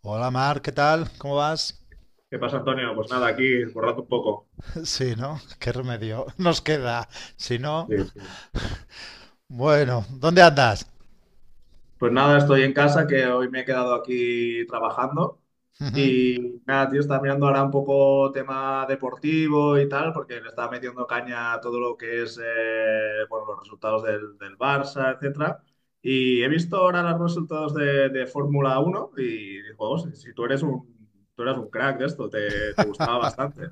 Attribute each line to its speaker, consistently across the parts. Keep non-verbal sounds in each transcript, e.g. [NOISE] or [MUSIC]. Speaker 1: Hola Mar, ¿qué tal? ¿Cómo vas?
Speaker 2: ¿Qué pasa, Antonio? Pues nada, aquí borrando un poco.
Speaker 1: [LAUGHS] Sí, ¿no? ¿Qué remedio [LAUGHS] nos queda? Si no,
Speaker 2: Sí, sí.
Speaker 1: bueno, ¿dónde andas?
Speaker 2: Pues nada, estoy en casa, que hoy me he quedado aquí trabajando.
Speaker 1: Ujú.
Speaker 2: Y nada, tío, estaba mirando ahora un poco tema deportivo y tal, porque le estaba metiendo caña a todo lo que es, bueno, los resultados del Barça, etcétera. Y he visto ahora los resultados de Fórmula Uno y digo, "Oh, si tú eres tú eras un crack de esto, te gustaba bastante.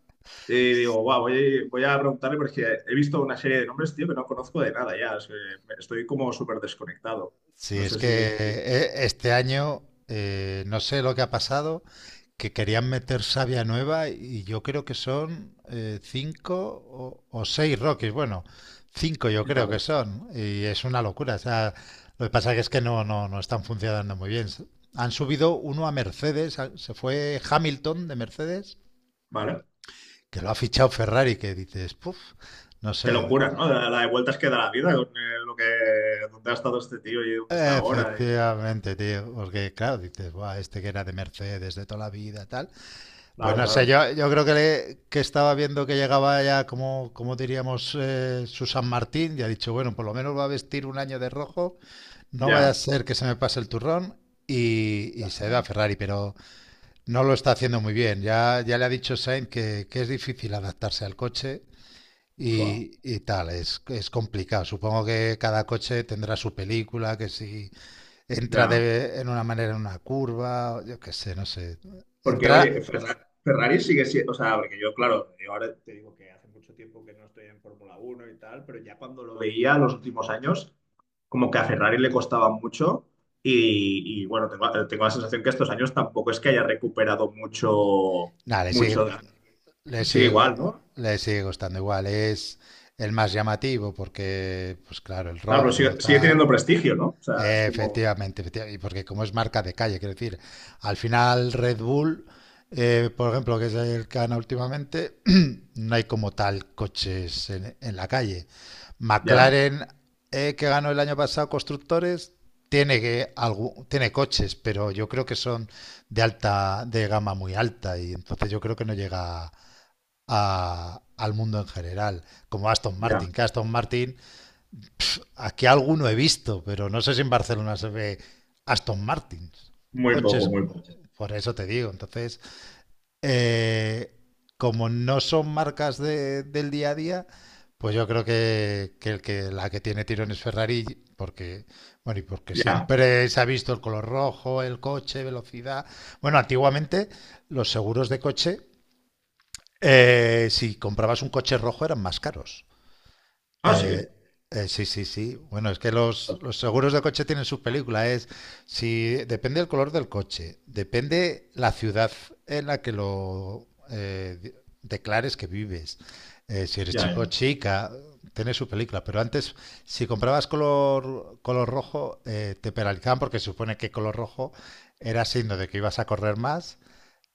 Speaker 2: Y digo, wow, voy a preguntarle porque he visto una serie de nombres, tío, que no conozco de nada ya. O sea, estoy como súper desconectado.
Speaker 1: Sí,
Speaker 2: No
Speaker 1: es
Speaker 2: sé
Speaker 1: que
Speaker 2: si
Speaker 1: este año no sé lo que ha pasado, que querían meter savia nueva y yo creo que son cinco o seis Rockies. Bueno, cinco yo
Speaker 2: ya
Speaker 1: creo que
Speaker 2: ves.
Speaker 1: son y es una locura. O sea, lo que pasa que es que no están funcionando muy bien. Han subido uno a Mercedes, se fue Hamilton de Mercedes,
Speaker 2: Vale.
Speaker 1: que lo ha fichado Ferrari, que dices, puff, no sé.
Speaker 2: Qué locura, ¿no? La de vueltas que da la vida con lo que, dónde ha estado este tío y dónde está ahora.
Speaker 1: Efectivamente, tío, porque claro, dices, buah, este que era de Mercedes de toda la vida, tal. Pues
Speaker 2: Claro,
Speaker 1: no sé,
Speaker 2: claro.
Speaker 1: yo creo que, que estaba viendo que llegaba ya, como diríamos, su San Martín, y ha dicho, bueno, por lo menos va a vestir un año de rojo, no vaya a
Speaker 2: Ya.
Speaker 1: ser que se me pase el turrón, y se da a Ferrari, pero no lo está haciendo muy bien. Ya, ya le ha dicho Sainz que, es difícil adaptarse al coche
Speaker 2: Fua,
Speaker 1: y tal, es complicado. Supongo que cada coche tendrá su película, que si entra
Speaker 2: ya.
Speaker 1: de, en una manera en una curva, o yo qué sé, no sé.
Speaker 2: Porque, oye,
Speaker 1: Entra,
Speaker 2: Ferrari sigue siendo, o sea, porque yo, claro, yo ahora te digo que hace mucho tiempo que no estoy en Fórmula Uno y tal, pero ya cuando lo veía los últimos años, como que a Ferrari le costaba mucho. Bueno, tengo la sensación que estos años tampoco es que haya recuperado mucho,
Speaker 1: nada,
Speaker 2: mucho.
Speaker 1: le
Speaker 2: Sigue
Speaker 1: sigue, go-
Speaker 2: igual, ¿no?
Speaker 1: le sigue costando igual. Es el más llamativo porque, pues claro, el
Speaker 2: Claro, pero
Speaker 1: rojo,
Speaker 2: sigue
Speaker 1: tal.
Speaker 2: teniendo prestigio, ¿no? O sea, es como,
Speaker 1: Efectivamente, efectivamente, y porque como es marca de calle, quiero decir, al final Red Bull, por ejemplo, que es el que gana últimamente, [CLEARS THROAT] no hay como tal coches en la calle.
Speaker 2: ya,
Speaker 1: McLaren, que ganó el año pasado constructores, tiene que tiene coches, pero yo creo que son de alta, de gama muy alta, y entonces yo creo que no llega al mundo en general, como Aston
Speaker 2: ya,
Speaker 1: Martin, que Aston Martin aquí alguno he visto, pero no sé si en Barcelona se ve Aston Martins.
Speaker 2: muy poco,
Speaker 1: Coches,
Speaker 2: muy poco.
Speaker 1: por eso te digo. Entonces, eh, como no son marcas del día a día, pues yo creo que, el que la que tiene tirón es Ferrari, porque, bueno, y porque
Speaker 2: Ya.
Speaker 1: siempre se ha visto el color rojo, el coche, velocidad. Bueno, antiguamente los seguros de coche, si comprabas un coche rojo eran más caros.
Speaker 2: Ah,
Speaker 1: Eh,
Speaker 2: sí.
Speaker 1: sí, sí, sí. Bueno, es que los seguros de coche tienen sus películas. Es si depende el color del coche, depende la ciudad en la que lo declares que vives. Si eres
Speaker 2: Ya,
Speaker 1: chico o
Speaker 2: ya.
Speaker 1: chica, tiene su película. Pero antes, si comprabas color rojo, te penalizaban porque se supone que color rojo era signo de que ibas a correr más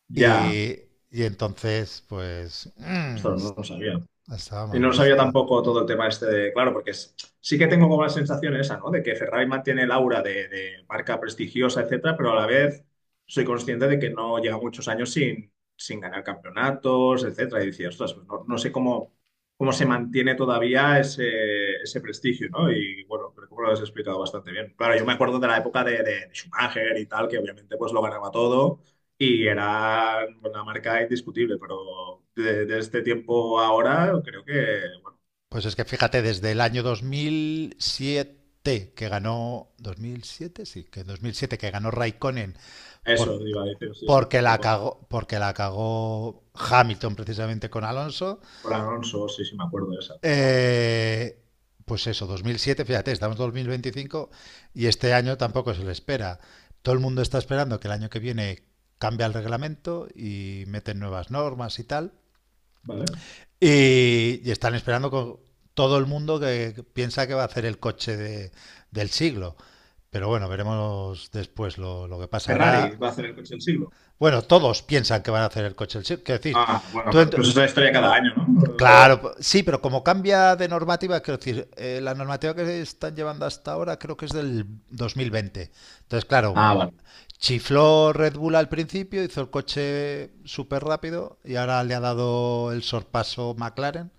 Speaker 2: Ya.
Speaker 1: y, y entonces, pues,
Speaker 2: Ostras, no lo sabía.
Speaker 1: estaba
Speaker 2: Y
Speaker 1: mal
Speaker 2: no sabía
Speaker 1: visto.
Speaker 2: tampoco todo el tema este de, claro, porque sí que tengo como la sensación esa, ¿no? De que Ferrari mantiene el aura de marca prestigiosa, etcétera, pero a la vez soy consciente de que no lleva muchos años sin ganar campeonatos, etcétera. Y decía, ostras, pues no, no sé cómo, cómo se mantiene todavía ese prestigio, ¿no? Y bueno, creo que lo has explicado bastante bien. Claro, yo me acuerdo de la época de Schumacher y tal, que obviamente pues lo ganaba todo y era una marca indiscutible, pero de este tiempo a ahora creo que, bueno,
Speaker 1: Pues es que fíjate, desde el año 2007 que ganó, 2007, sí, que en 2007 que ganó Raikkonen
Speaker 2: eso
Speaker 1: por,
Speaker 2: iba a decir, sí, sí,
Speaker 1: porque la cagó Hamilton precisamente con Alonso.
Speaker 2: con Alonso, sí, sí, me acuerdo de esa. Buah,
Speaker 1: eh, pues eso, 2007, fíjate, estamos en 2025 y este año tampoco se le espera. Todo el mundo está esperando que el año que viene cambie el reglamento y meten nuevas normas y tal.
Speaker 2: vale.
Speaker 1: Y están esperando con todo el mundo que piensa que va a hacer el coche del siglo. Pero bueno, veremos después lo que
Speaker 2: Ferrari
Speaker 1: pasará.
Speaker 2: va a hacer el coche del siglo.
Speaker 1: Bueno, todos piensan que van a hacer el coche del siglo. Quiero decir,
Speaker 2: Ah, bueno,
Speaker 1: tú ent-
Speaker 2: pero eso es la historia cada año, ¿no? O-
Speaker 1: claro, sí, pero como cambia de normativa, quiero decir, la normativa que están llevando hasta ahora creo que es del 2020. Entonces, claro,
Speaker 2: Ah, vale,
Speaker 1: chifló Red Bull al principio, hizo el coche súper rápido y ahora le ha dado el sorpaso McLaren.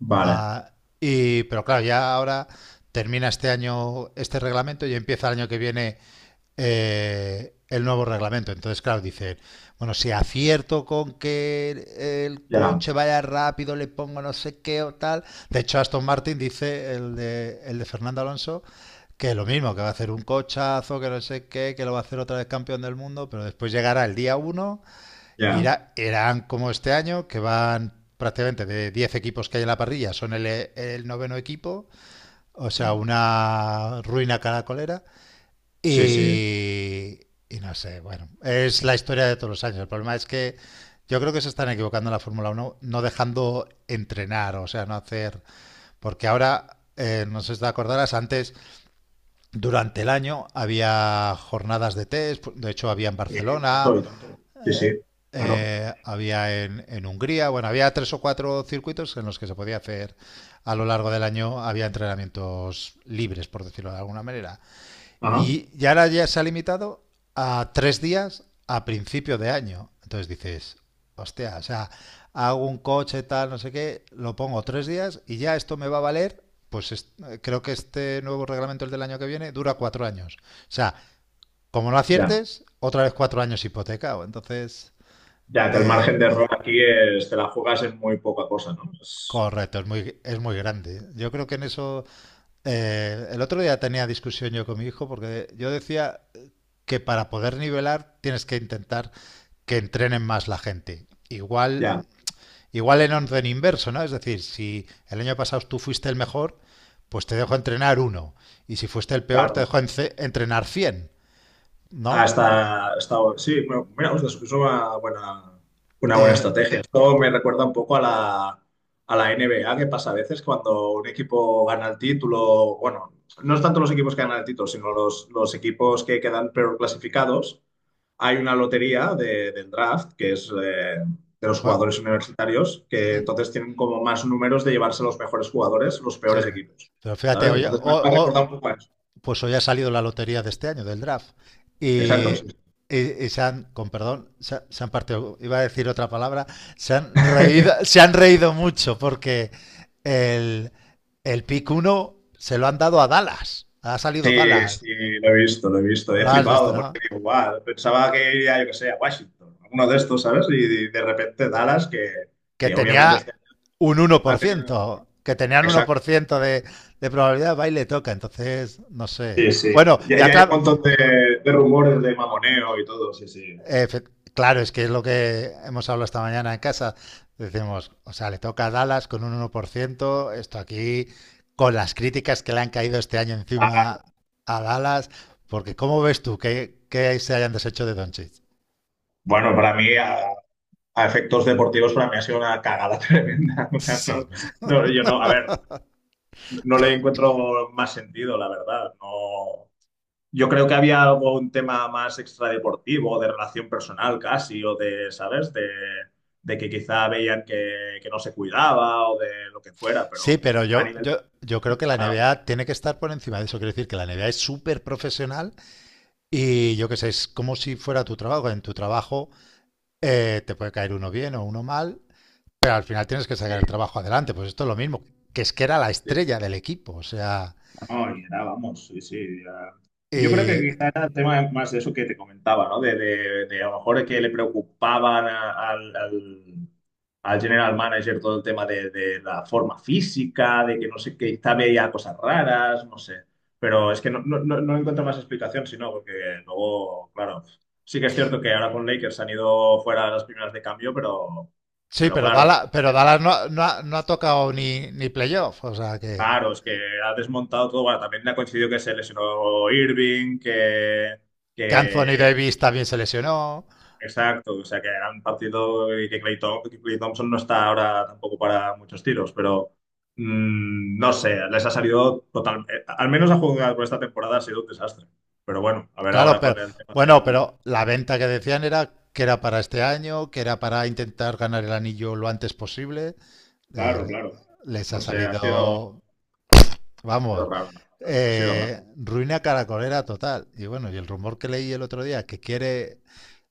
Speaker 2: vale,
Speaker 1: Ah, pero claro, ya ahora termina este año este reglamento y empieza el año que viene el nuevo reglamento. Entonces, claro, dicen, bueno, si acierto con que el
Speaker 2: ya,
Speaker 1: coche vaya rápido, le pongo no sé qué o tal. De hecho, Aston Martin dice, el de Fernando Alonso, que lo mismo, que va a hacer un cochazo, que no sé qué, que lo va a hacer otra vez campeón del mundo, pero después llegará el día uno.
Speaker 2: ya.
Speaker 1: Irán como este año, que van prácticamente de 10 equipos que hay en la parrilla, son el noveno equipo, o sea,
Speaker 2: Buah,
Speaker 1: una ruina caracolera.
Speaker 2: sí, sí,
Speaker 1: Y, y no sé, bueno, es la historia de todos los años. El problema es que yo creo que se están equivocando en la Fórmula Uno no dejando entrenar, o sea, no hacer. Porque ahora, no sé si te acordarás, antes, durante el año, había jornadas de test, de hecho, había en
Speaker 2: sí,
Speaker 1: Barcelona,
Speaker 2: tanto y tanto. Sí, sí, claro.
Speaker 1: había en, Hungría, bueno, había tres o cuatro circuitos en los que se podía hacer a lo largo del año, había entrenamientos libres, por decirlo de alguna manera.
Speaker 2: Ajá,
Speaker 1: Y ya ahora ya se ha limitado a 3 días a principio de año. Entonces dices, hostia, o sea, hago un coche tal, no sé qué, lo pongo 3 días y ya esto me va a valer. Pues creo que este nuevo reglamento, el del año que viene, dura 4 años. O sea, como no
Speaker 2: ya,
Speaker 1: aciertes, otra vez 4 años hipotecado. Entonces,
Speaker 2: ya, que el
Speaker 1: eh,
Speaker 2: margen de error aquí es, te la juegas en muy poca cosa, ¿no? Es-
Speaker 1: correcto, es muy grande. Yo creo que en eso, el otro día tenía discusión yo con mi hijo porque yo decía que para poder nivelar tienes que intentar que entrenen más la gente. Igual,
Speaker 2: ya.
Speaker 1: igual en orden inverso, ¿no? Es decir, si el año pasado tú fuiste el mejor, pues te dejo entrenar uno. Y si fuiste el peor, te
Speaker 2: Claro,
Speaker 1: dejo entrenar 100,
Speaker 2: ah,
Speaker 1: ¿no?
Speaker 2: está- sí, bueno, mira, ostras, es una buena
Speaker 1: Eh,
Speaker 2: estrategia. Esto me recuerda un poco a a la N B A que pasa a veces cuando un equipo gana el título, bueno, no es tanto los equipos que ganan el título, sino los equipos que quedan peor clasificados. Hay una lotería del draft, que es de los
Speaker 1: bueno,
Speaker 2: jugadores universitarios, que
Speaker 1: mm,
Speaker 2: entonces tienen como más números de llevarse los mejores jugadores, los peores
Speaker 1: sí,
Speaker 2: equipos,
Speaker 1: pero fíjate,
Speaker 2: ¿sabes?
Speaker 1: oye,
Speaker 2: Entonces me ha recordado un poco a eso.
Speaker 1: pues hoy ha salido la lotería de este año, del draft.
Speaker 2: Exacto,
Speaker 1: Y,
Speaker 2: sí,
Speaker 1: y se han, con perdón, se han partido, iba a decir otra palabra, se han reído mucho porque el, el pick uno se lo han dado a Dallas. Ha salido
Speaker 2: sí,
Speaker 1: Dallas.
Speaker 2: sí, lo he visto, lo he visto. He
Speaker 1: Lo has visto,
Speaker 2: flipado
Speaker 1: ¿no?
Speaker 2: porque digo, guau, pensaba que iría, yo que sé, a Washington, alguno de estos, ¿sabes? Y de repente Dallas,
Speaker 1: Que
Speaker 2: que obviamente
Speaker 1: tenía
Speaker 2: este
Speaker 1: un uno por
Speaker 2: ha tenido...
Speaker 1: ciento, que tenían uno
Speaker 2: Exacto.
Speaker 1: por ciento de probabilidad, va y le toca. Entonces, no sé.
Speaker 2: Sí, sí.
Speaker 1: Bueno,
Speaker 2: Ya,
Speaker 1: ya
Speaker 2: ya hay un
Speaker 1: claro,
Speaker 2: montón de rumores de mamoneo y todo, sí, sí.
Speaker 1: Efe- claro, es que es lo que hemos hablado esta mañana en casa. Decimos, o sea, le toca a Dallas con un 1%. Esto aquí, con las críticas que le han caído este año
Speaker 2: Ah,
Speaker 1: encima a Dallas, porque ¿cómo ves tú que se hayan deshecho de Doncic?
Speaker 2: bueno, para mí, a efectos deportivos, para mí ha sido una cagada [LAUGHS] tremenda. O sea,
Speaker 1: Sí,
Speaker 2: no,
Speaker 1: ¿no?
Speaker 2: no, yo no, a ver, no le encuentro más sentido, la verdad. No, yo creo que había algo, un tema más extradeportivo, de relación personal casi, o de, ¿sabes? De que quizá veían que no se cuidaba o de lo que fuera,
Speaker 1: Sí,
Speaker 2: pero
Speaker 1: pero
Speaker 2: a
Speaker 1: yo,
Speaker 2: nivel de...
Speaker 1: yo, yo creo que la NBA tiene que estar por encima de eso. Quiero decir que la NBA es súper profesional y yo qué sé, es como si fuera tu trabajo. En tu trabajo te puede caer uno bien o uno mal, pero al final tienes que sacar el
Speaker 2: Sí,
Speaker 1: trabajo adelante, pues esto es lo mismo, que es que era la
Speaker 2: sí,
Speaker 1: estrella del equipo, o sea.
Speaker 2: no, y era, vamos, sí, sí. Ya. Yo creo que
Speaker 1: Y...
Speaker 2: quizá era el tema más de eso que te comentaba, ¿no? De a lo mejor que le preocupaban al, al general manager todo el tema de la forma física, de que no sé qué, quizá veía cosas raras, no sé. Pero es que no, no, no encuentro más explicación, sino porque luego, claro, sí que es cierto que ahora con Lakers han ido fuera las primeras de cambio, pero...
Speaker 1: Sí,
Speaker 2: Pero claro,
Speaker 1: Pero Dallas no ha tocado ni playoff, o sea que,
Speaker 2: claro, es que ha desmontado todo. Bueno, también le ha coincidido que se lesionó Irving,
Speaker 1: Anthony
Speaker 2: que-
Speaker 1: Davis también se lesionó,
Speaker 2: exacto, o sea, que era un partido y que que Klay Thompson no está ahora tampoco para muchos tiros, pero mm, no sé, les ha salido total... al menos a jugar por esta temporada ha sido un desastre. Pero bueno, a ver
Speaker 1: claro,
Speaker 2: ahora
Speaker 1: pero
Speaker 2: con el tema
Speaker 1: bueno,
Speaker 2: del...
Speaker 1: pero la venta que decían era que era para este año, que era para intentar ganar el anillo lo antes posible.
Speaker 2: Claro,
Speaker 1: Eh,
Speaker 2: claro.
Speaker 1: Les ha
Speaker 2: No sé, ha
Speaker 1: salido, vamos,
Speaker 2: sido raro. Ha sido raro.
Speaker 1: ruina caracolera total. Y bueno, y el rumor que leí el otro día, que quiere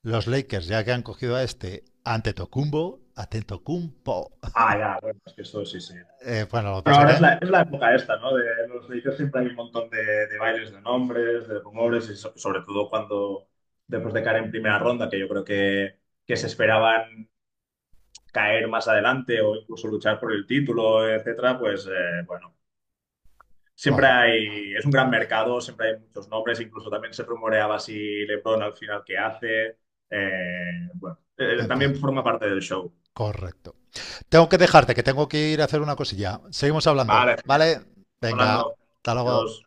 Speaker 1: los Lakers, ya que han cogido a este Antetokounmpo, Antetokounmpo.
Speaker 2: Ah, ya, bueno, es que esto sí, sí.
Speaker 1: Bueno, lo que
Speaker 2: Bueno,
Speaker 1: pasa
Speaker 2: ahora
Speaker 1: que,
Speaker 2: es la época esta, ¿no? De en los inicios siempre hay un montón de bailes de nombres, de rumores, y sobre todo cuando después de caer en primera ronda, que yo creo que se esperaban caer más adelante o incluso luchar por el título, etcétera, pues bueno, siempre
Speaker 1: bueno,
Speaker 2: hay, es un gran mercado, siempre hay muchos nombres, incluso también se rumoreaba si LeBron al final qué hace. Bueno,
Speaker 1: en fin,
Speaker 2: también forma parte del show.
Speaker 1: correcto. Tengo que dejarte, que tengo que ir a hacer una cosilla. Seguimos hablando,
Speaker 2: Vale, genial,
Speaker 1: ¿vale? Venga,
Speaker 2: hablando.
Speaker 1: hasta luego.
Speaker 2: Adiós.